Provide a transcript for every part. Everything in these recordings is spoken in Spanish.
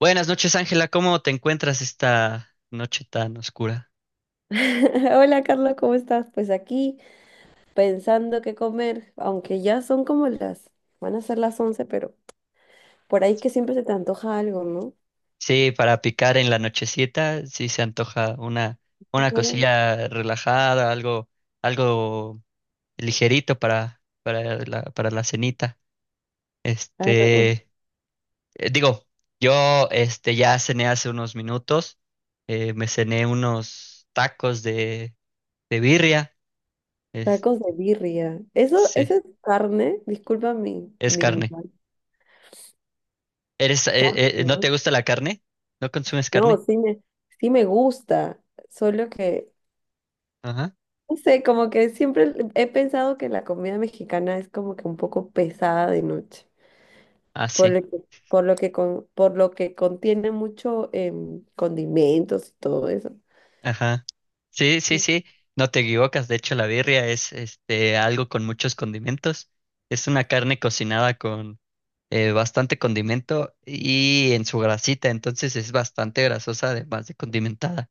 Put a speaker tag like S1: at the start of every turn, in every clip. S1: Buenas noches, Ángela. ¿Cómo te encuentras esta noche tan oscura?
S2: Hola Carlos, ¿cómo estás? Pues aquí pensando qué comer, aunque ya van a ser las 11, pero por ahí que siempre se te antoja algo, ¿no?
S1: Sí, para picar en la nochecita, sí se antoja una
S2: Ahora.
S1: cosilla relajada, algo, algo ligerito para, para la cenita.
S2: algo-
S1: Este, Digo, yo este ya cené hace unos minutos. Me cené unos tacos de birria. Es,
S2: Tacos de birria. Eso
S1: sí,
S2: es carne, disculpa mi,
S1: es
S2: mi
S1: carne.
S2: ignorancia,
S1: ¿Eres,
S2: carne,
S1: no
S2: ¿no?
S1: te gusta la carne? ¿No consumes
S2: No,
S1: carne?
S2: sí me gusta, solo que,
S1: Ajá.
S2: no sé, como que siempre he pensado que la comida mexicana es como que un poco pesada de noche.
S1: Ah,
S2: por
S1: sí.
S2: lo que, por lo que, con- por lo que contiene mucho condimentos y todo eso.
S1: Ajá. Sí, sí,
S2: Mm.
S1: sí. No te equivocas. De hecho, la birria es este algo con muchos condimentos. Es una carne cocinada con bastante condimento y en su grasita, entonces es bastante grasosa, además de condimentada.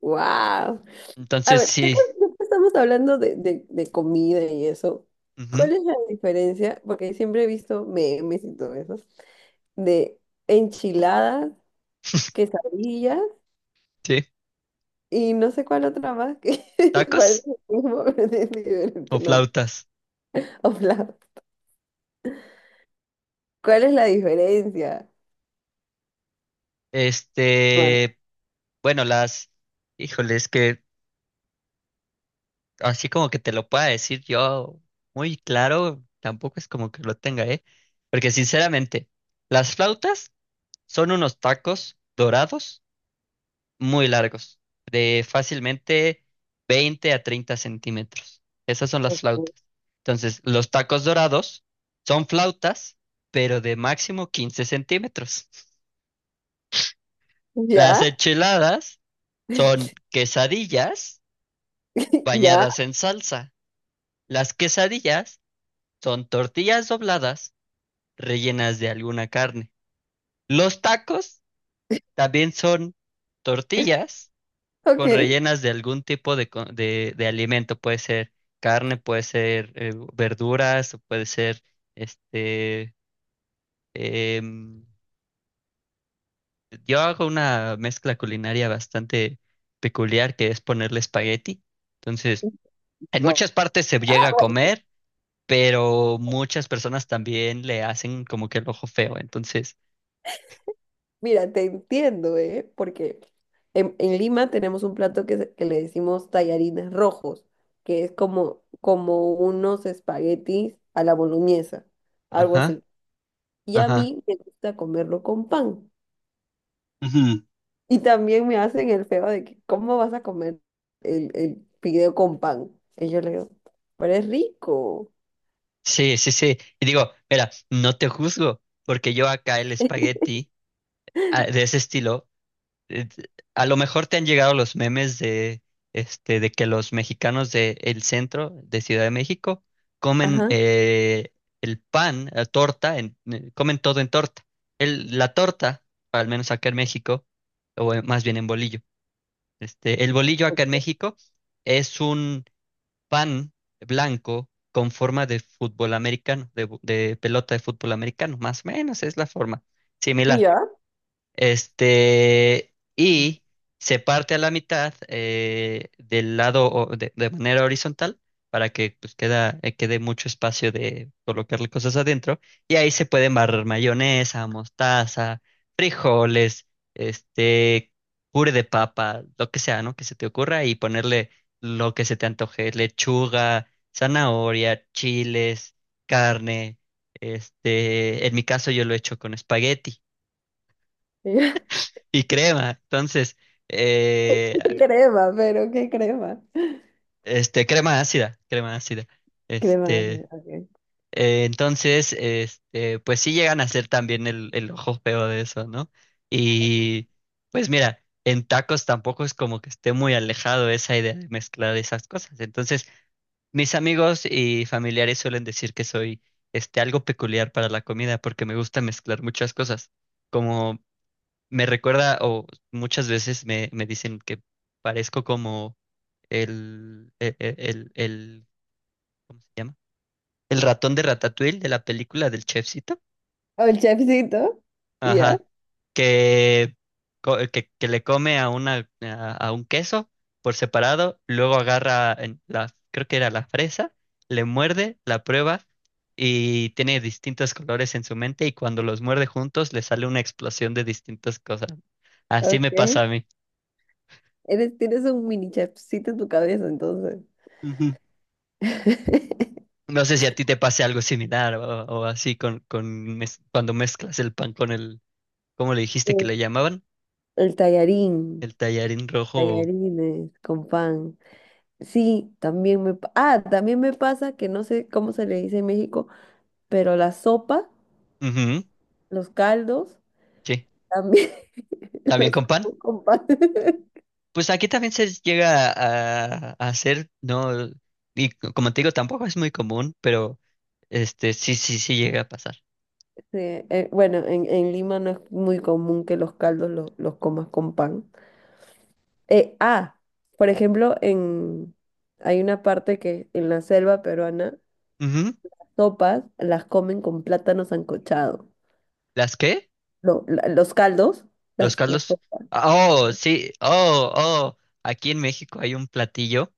S2: Wow. A
S1: Entonces,
S2: ver, ya que
S1: sí.
S2: ya que estamos hablando de comida y eso,
S1: Ujú.
S2: ¿cuál es la diferencia? Porque siempre he visto memes y todo eso, de enchiladas, quesadillas
S1: Sí.
S2: y no sé cuál otra más que parece
S1: ¿Tacos
S2: lo mismo, pero tiene
S1: o
S2: diferente nombre.
S1: flautas?
S2: O plato. ¿Cuál es la diferencia? No.
S1: Este, bueno, las, híjole, es que así como que te lo pueda decir yo muy claro, tampoco es como que lo tenga, ¿eh? Porque sinceramente, las flautas son unos tacos dorados muy largos, de fácilmente 20 a 30 centímetros. Esas son las flautas. Entonces, los tacos dorados son flautas, pero de máximo 15 centímetros. Las
S2: ¿Ya?
S1: enchiladas son quesadillas
S2: ¿Ya?
S1: bañadas en salsa. Las quesadillas son tortillas dobladas rellenas de alguna carne. Los tacos también son tortillas
S2: Ok.
S1: con rellenas de algún tipo de, de alimento. Puede ser carne, puede ser verduras, o puede ser este. em, yo hago una mezcla culinaria bastante peculiar que es ponerle espagueti. Entonces, en
S2: Guau.
S1: muchas partes se
S2: Ah,
S1: llega a
S2: bueno,
S1: comer, pero muchas personas también le hacen como que el ojo feo. Entonces,
S2: mira, te entiendo, ¿eh? Porque en Lima tenemos un plato que le decimos tallarines rojos, que es como, unos espaguetis a la boloñesa, algo
S1: ajá.
S2: así. Y a
S1: Ajá.
S2: mí me gusta comerlo con pan.
S1: Ujú.
S2: Y también me hacen el feo de que, ¿cómo vas a comer el fideo con pan? Y yo le digo, pero es rico.
S1: Sí, sí, sí. Y digo, mira, no te juzgo, porque yo acá el espagueti ah, de ese estilo, eh, a lo mejor te han llegado los memes de, de que los mexicanos de el centro de Ciudad de México comen
S2: Ajá.
S1: el pan, la torta, comen todo en torta. El, la torta, al menos acá en México, o más bien en bolillo. El bolillo acá en México es un pan blanco con forma de fútbol americano, de pelota de fútbol americano, más o menos es la forma
S2: Y
S1: similar.
S2: ya y
S1: Y se parte a la mitad del de manera horizontal para que pues, queda, quede mucho espacio de colocarle cosas adentro. Y ahí se pueden barrer mayonesa, mostaza, frijoles, este, puré de papa, lo que sea, ¿no? Que se te ocurra y ponerle lo que se te antoje, lechuga, zanahoria, chiles, carne. En mi caso yo lo he hecho con espagueti.
S2: yo,
S1: Y crema, entonces, eh,
S2: ¿qué crema, pero qué crema?
S1: crema ácida, crema ácida.
S2: Crema, así,
S1: Este,
S2: ok.
S1: entonces, pues sí llegan a ser también el ojo feo de eso, ¿no? Y pues mira, en tacos tampoco es como que esté muy alejado esa idea de mezclar esas cosas. Entonces, mis amigos y familiares suelen decir que soy, algo peculiar para la comida porque me gusta mezclar muchas cosas. Como me recuerda, o muchas veces me dicen que parezco como el, ¿cómo se llama? El ratón de Ratatouille de la película del chefcito.
S2: O el chefcito. Y yo,
S1: Ajá. Que, que le come a una, a un queso por separado, luego agarra en la, creo que era la fresa, le muerde, la prueba y tiene distintos colores en su mente y cuando los muerde juntos le sale una explosión de distintas cosas. Así me
S2: ok.
S1: pasa a mí.
S2: Tienes un mini chefcito en tu cabeza, entonces.
S1: No sé si a ti te pase algo similar o así con cuando mezclas el pan con el, ¿cómo le dijiste que
S2: Mm.
S1: le llamaban?
S2: El
S1: El
S2: tallarín,
S1: tallarín rojo.
S2: tallarines con pan. Sí, también me pasa que no sé cómo se le dice en México, pero la sopa,
S1: Ujú,
S2: los caldos,
S1: sí.
S2: también
S1: ¿También
S2: los
S1: con pan?
S2: como con pan.
S1: Pues aquí también se llega a hacer, ¿no? Y como te digo, tampoco es muy común, pero este sí, sí, sí llega a pasar.
S2: Sí, bueno, en Lima no es muy común que los caldos los comas con pan. Ah, por ejemplo, hay una parte que en la selva peruana,
S1: Ujú.
S2: sopas las comen con plátano sancochado.
S1: ¿Las qué?
S2: Lo- la- los caldos,
S1: ¿Los
S2: las
S1: caldos?
S2: sopas.
S1: Ah, oh, sí, oh, oh. Aquí en México hay un platillo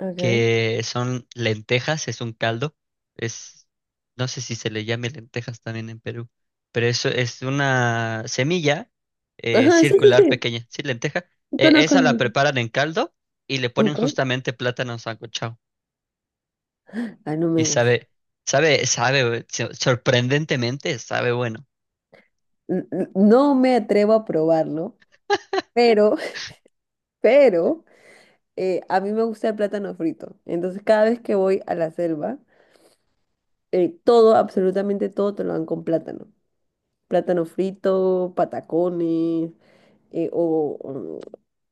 S2: Okay.
S1: que son lentejas, es un caldo, es, no sé si se le llame lentejas también en Perú, pero eso es una semilla
S2: Ajá, sí, sí,
S1: circular
S2: sí.
S1: pequeña, sí, lenteja.
S2: Sí, conozco
S1: Esa
S2: lo
S1: la
S2: mismo.
S1: preparan en caldo y le ponen
S2: Okay.
S1: justamente plátano sancochado
S2: Ay, no
S1: y
S2: me gusta.
S1: sabe, sabe, sabe, sorprendentemente sabe bueno.
S2: No me atrevo a probarlo, pero, pero. A mí me gusta el plátano frito. Entonces, cada vez que voy a la selva, todo, absolutamente todo, te lo dan con plátano. Plátano frito, patacones, eh, o o,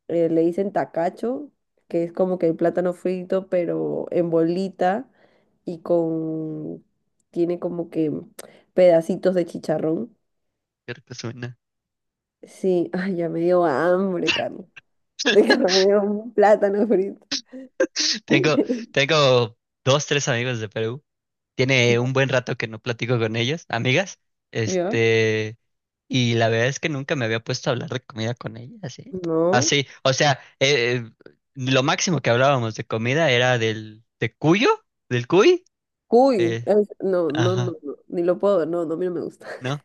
S2: eh, le dicen tacacho, que es como que el plátano frito, pero en bolita y tiene como que pedacitos de chicharrón.
S1: Creo que suena.
S2: Sí, ay, ya me dio hambre, Carlos. De que me dio un plátano frito.
S1: Tengo, tengo dos, tres amigos de Perú. Tiene
S2: ¿Ya?
S1: un buen rato que no platico con ellas, amigas.
S2: ¿Ya?
S1: Este, y la verdad es que nunca me había puesto a hablar de comida con ellas, ¿eh?
S2: No.
S1: Así, o sea, lo máximo que hablábamos de comida era del, de cuyo, del cuy.
S2: Cuy,
S1: eh,
S2: no, no, no,
S1: ajá.
S2: no, ni lo puedo, no, no, a mí no me gusta.
S1: ¿No?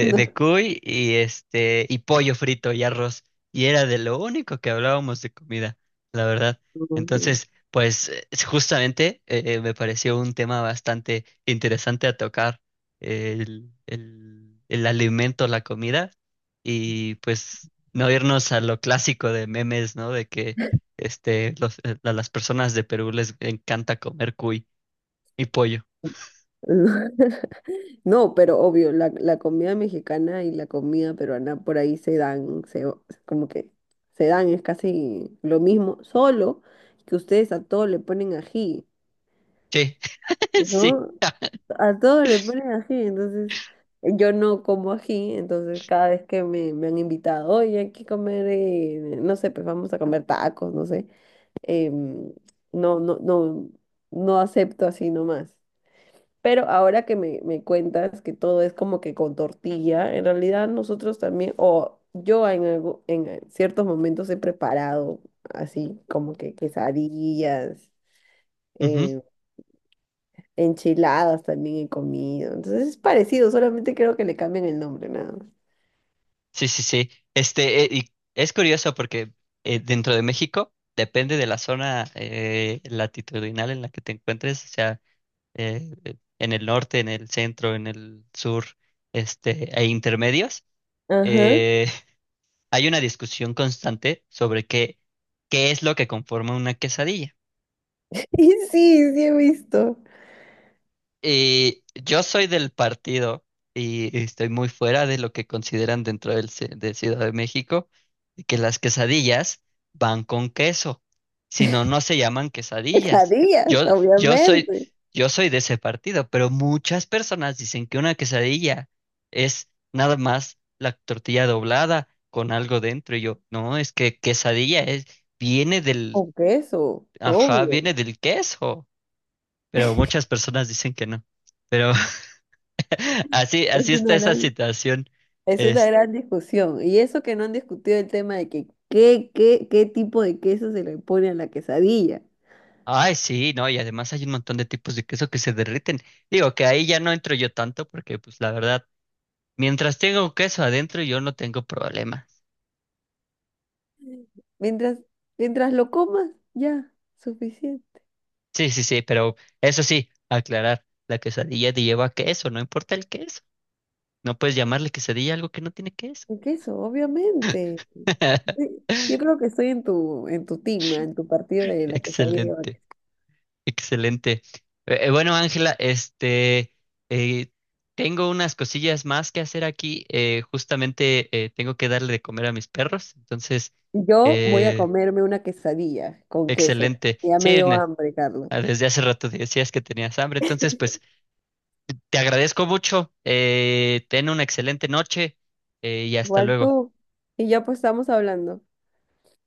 S2: No,
S1: De cuy y y pollo frito y arroz. Y era de lo único que hablábamos de comida, la verdad.
S2: no, no.
S1: Entonces, pues justamente me pareció un tema bastante interesante a tocar, el alimento, la comida, y pues no irnos a lo clásico de memes, ¿no? De que a las personas de Perú les encanta comer cuy y pollo.
S2: No, pero obvio, la comida mexicana y la comida peruana por ahí se dan, como que se dan, es casi lo mismo, solo que ustedes a todo le ponen ají,
S1: Sí,
S2: ¿no? A todo le ponen ají, entonces yo no como ají, entonces cada vez que me han invitado, oye, hay que comer, no sé, pues vamos a comer tacos, no sé. em, no, no, no, no acepto así nomás. Pero ahora que me cuentas que todo es como que con tortilla, en realidad nosotros también, o yo en ciertos momentos he preparado así como que quesadillas,
S1: sí.
S2: eh, enchiladas también he comido. Entonces es parecido, solamente creo que le cambian el nombre, nada más.
S1: Sí, sí, sí. Y es curioso porque dentro de México depende de la zona latitudinal en la que te encuentres, o sea, en el norte, en el centro, en el sur, e intermedios.
S2: Ajá.
S1: eh, Hay una discusión constante sobre qué, qué es lo que conforma una quesadilla.
S2: Y sí, sí he visto.
S1: Y yo soy del partido y estoy muy fuera de lo que consideran dentro de Ciudad de México, de que las quesadillas van con queso, si no, no se llaman quesadillas.
S2: Quesadillas,
S1: Yo, yo soy,
S2: obviamente.
S1: yo soy de ese partido, pero muchas personas dicen que una quesadilla es nada más la tortilla doblada con algo dentro. Y yo, no, es que quesadilla es, viene del,
S2: Con queso,
S1: ajá,
S2: obvio.
S1: viene del queso, pero muchas personas dicen que no. Pero así,
S2: Es
S1: así está
S2: una
S1: esa
S2: gran
S1: situación.
S2: Es una
S1: Es,
S2: gran discusión. Y eso que no han discutido el tema de que qué tipo de queso se le pone a la quesadilla.
S1: ay, sí, no, y además hay un montón de tipos de queso que se derriten. Digo que ahí ya no entro yo tanto porque, pues, la verdad, mientras tenga un queso adentro, yo no tengo problema.
S2: Mientras, mientras lo comas, ya, suficiente.
S1: Sí, sí, sí, pero eso sí, aclarar, la quesadilla te lleva queso, no importa el queso. No puedes llamarle quesadilla a algo que no tiene queso.
S2: El queso, obviamente. Sí, yo creo que estoy en tu team, en tu partido de la quesadilla lleva
S1: Excelente.
S2: queso.
S1: Excelente. Bueno, Ángela, eh, tengo unas cosillas más que hacer aquí. Justamente tengo que darle de comer a mis perros. Entonces,
S2: Yo voy a
S1: eh,
S2: comerme una quesadilla con queso.
S1: excelente.
S2: Ya me
S1: Sí,
S2: dio
S1: ne-
S2: hambre, Carlos.
S1: ah, desde hace rato decías que tenías hambre. Entonces, pues, te agradezco mucho. Ten una excelente noche y hasta
S2: Igual
S1: luego.
S2: tú. Y ya pues estamos hablando.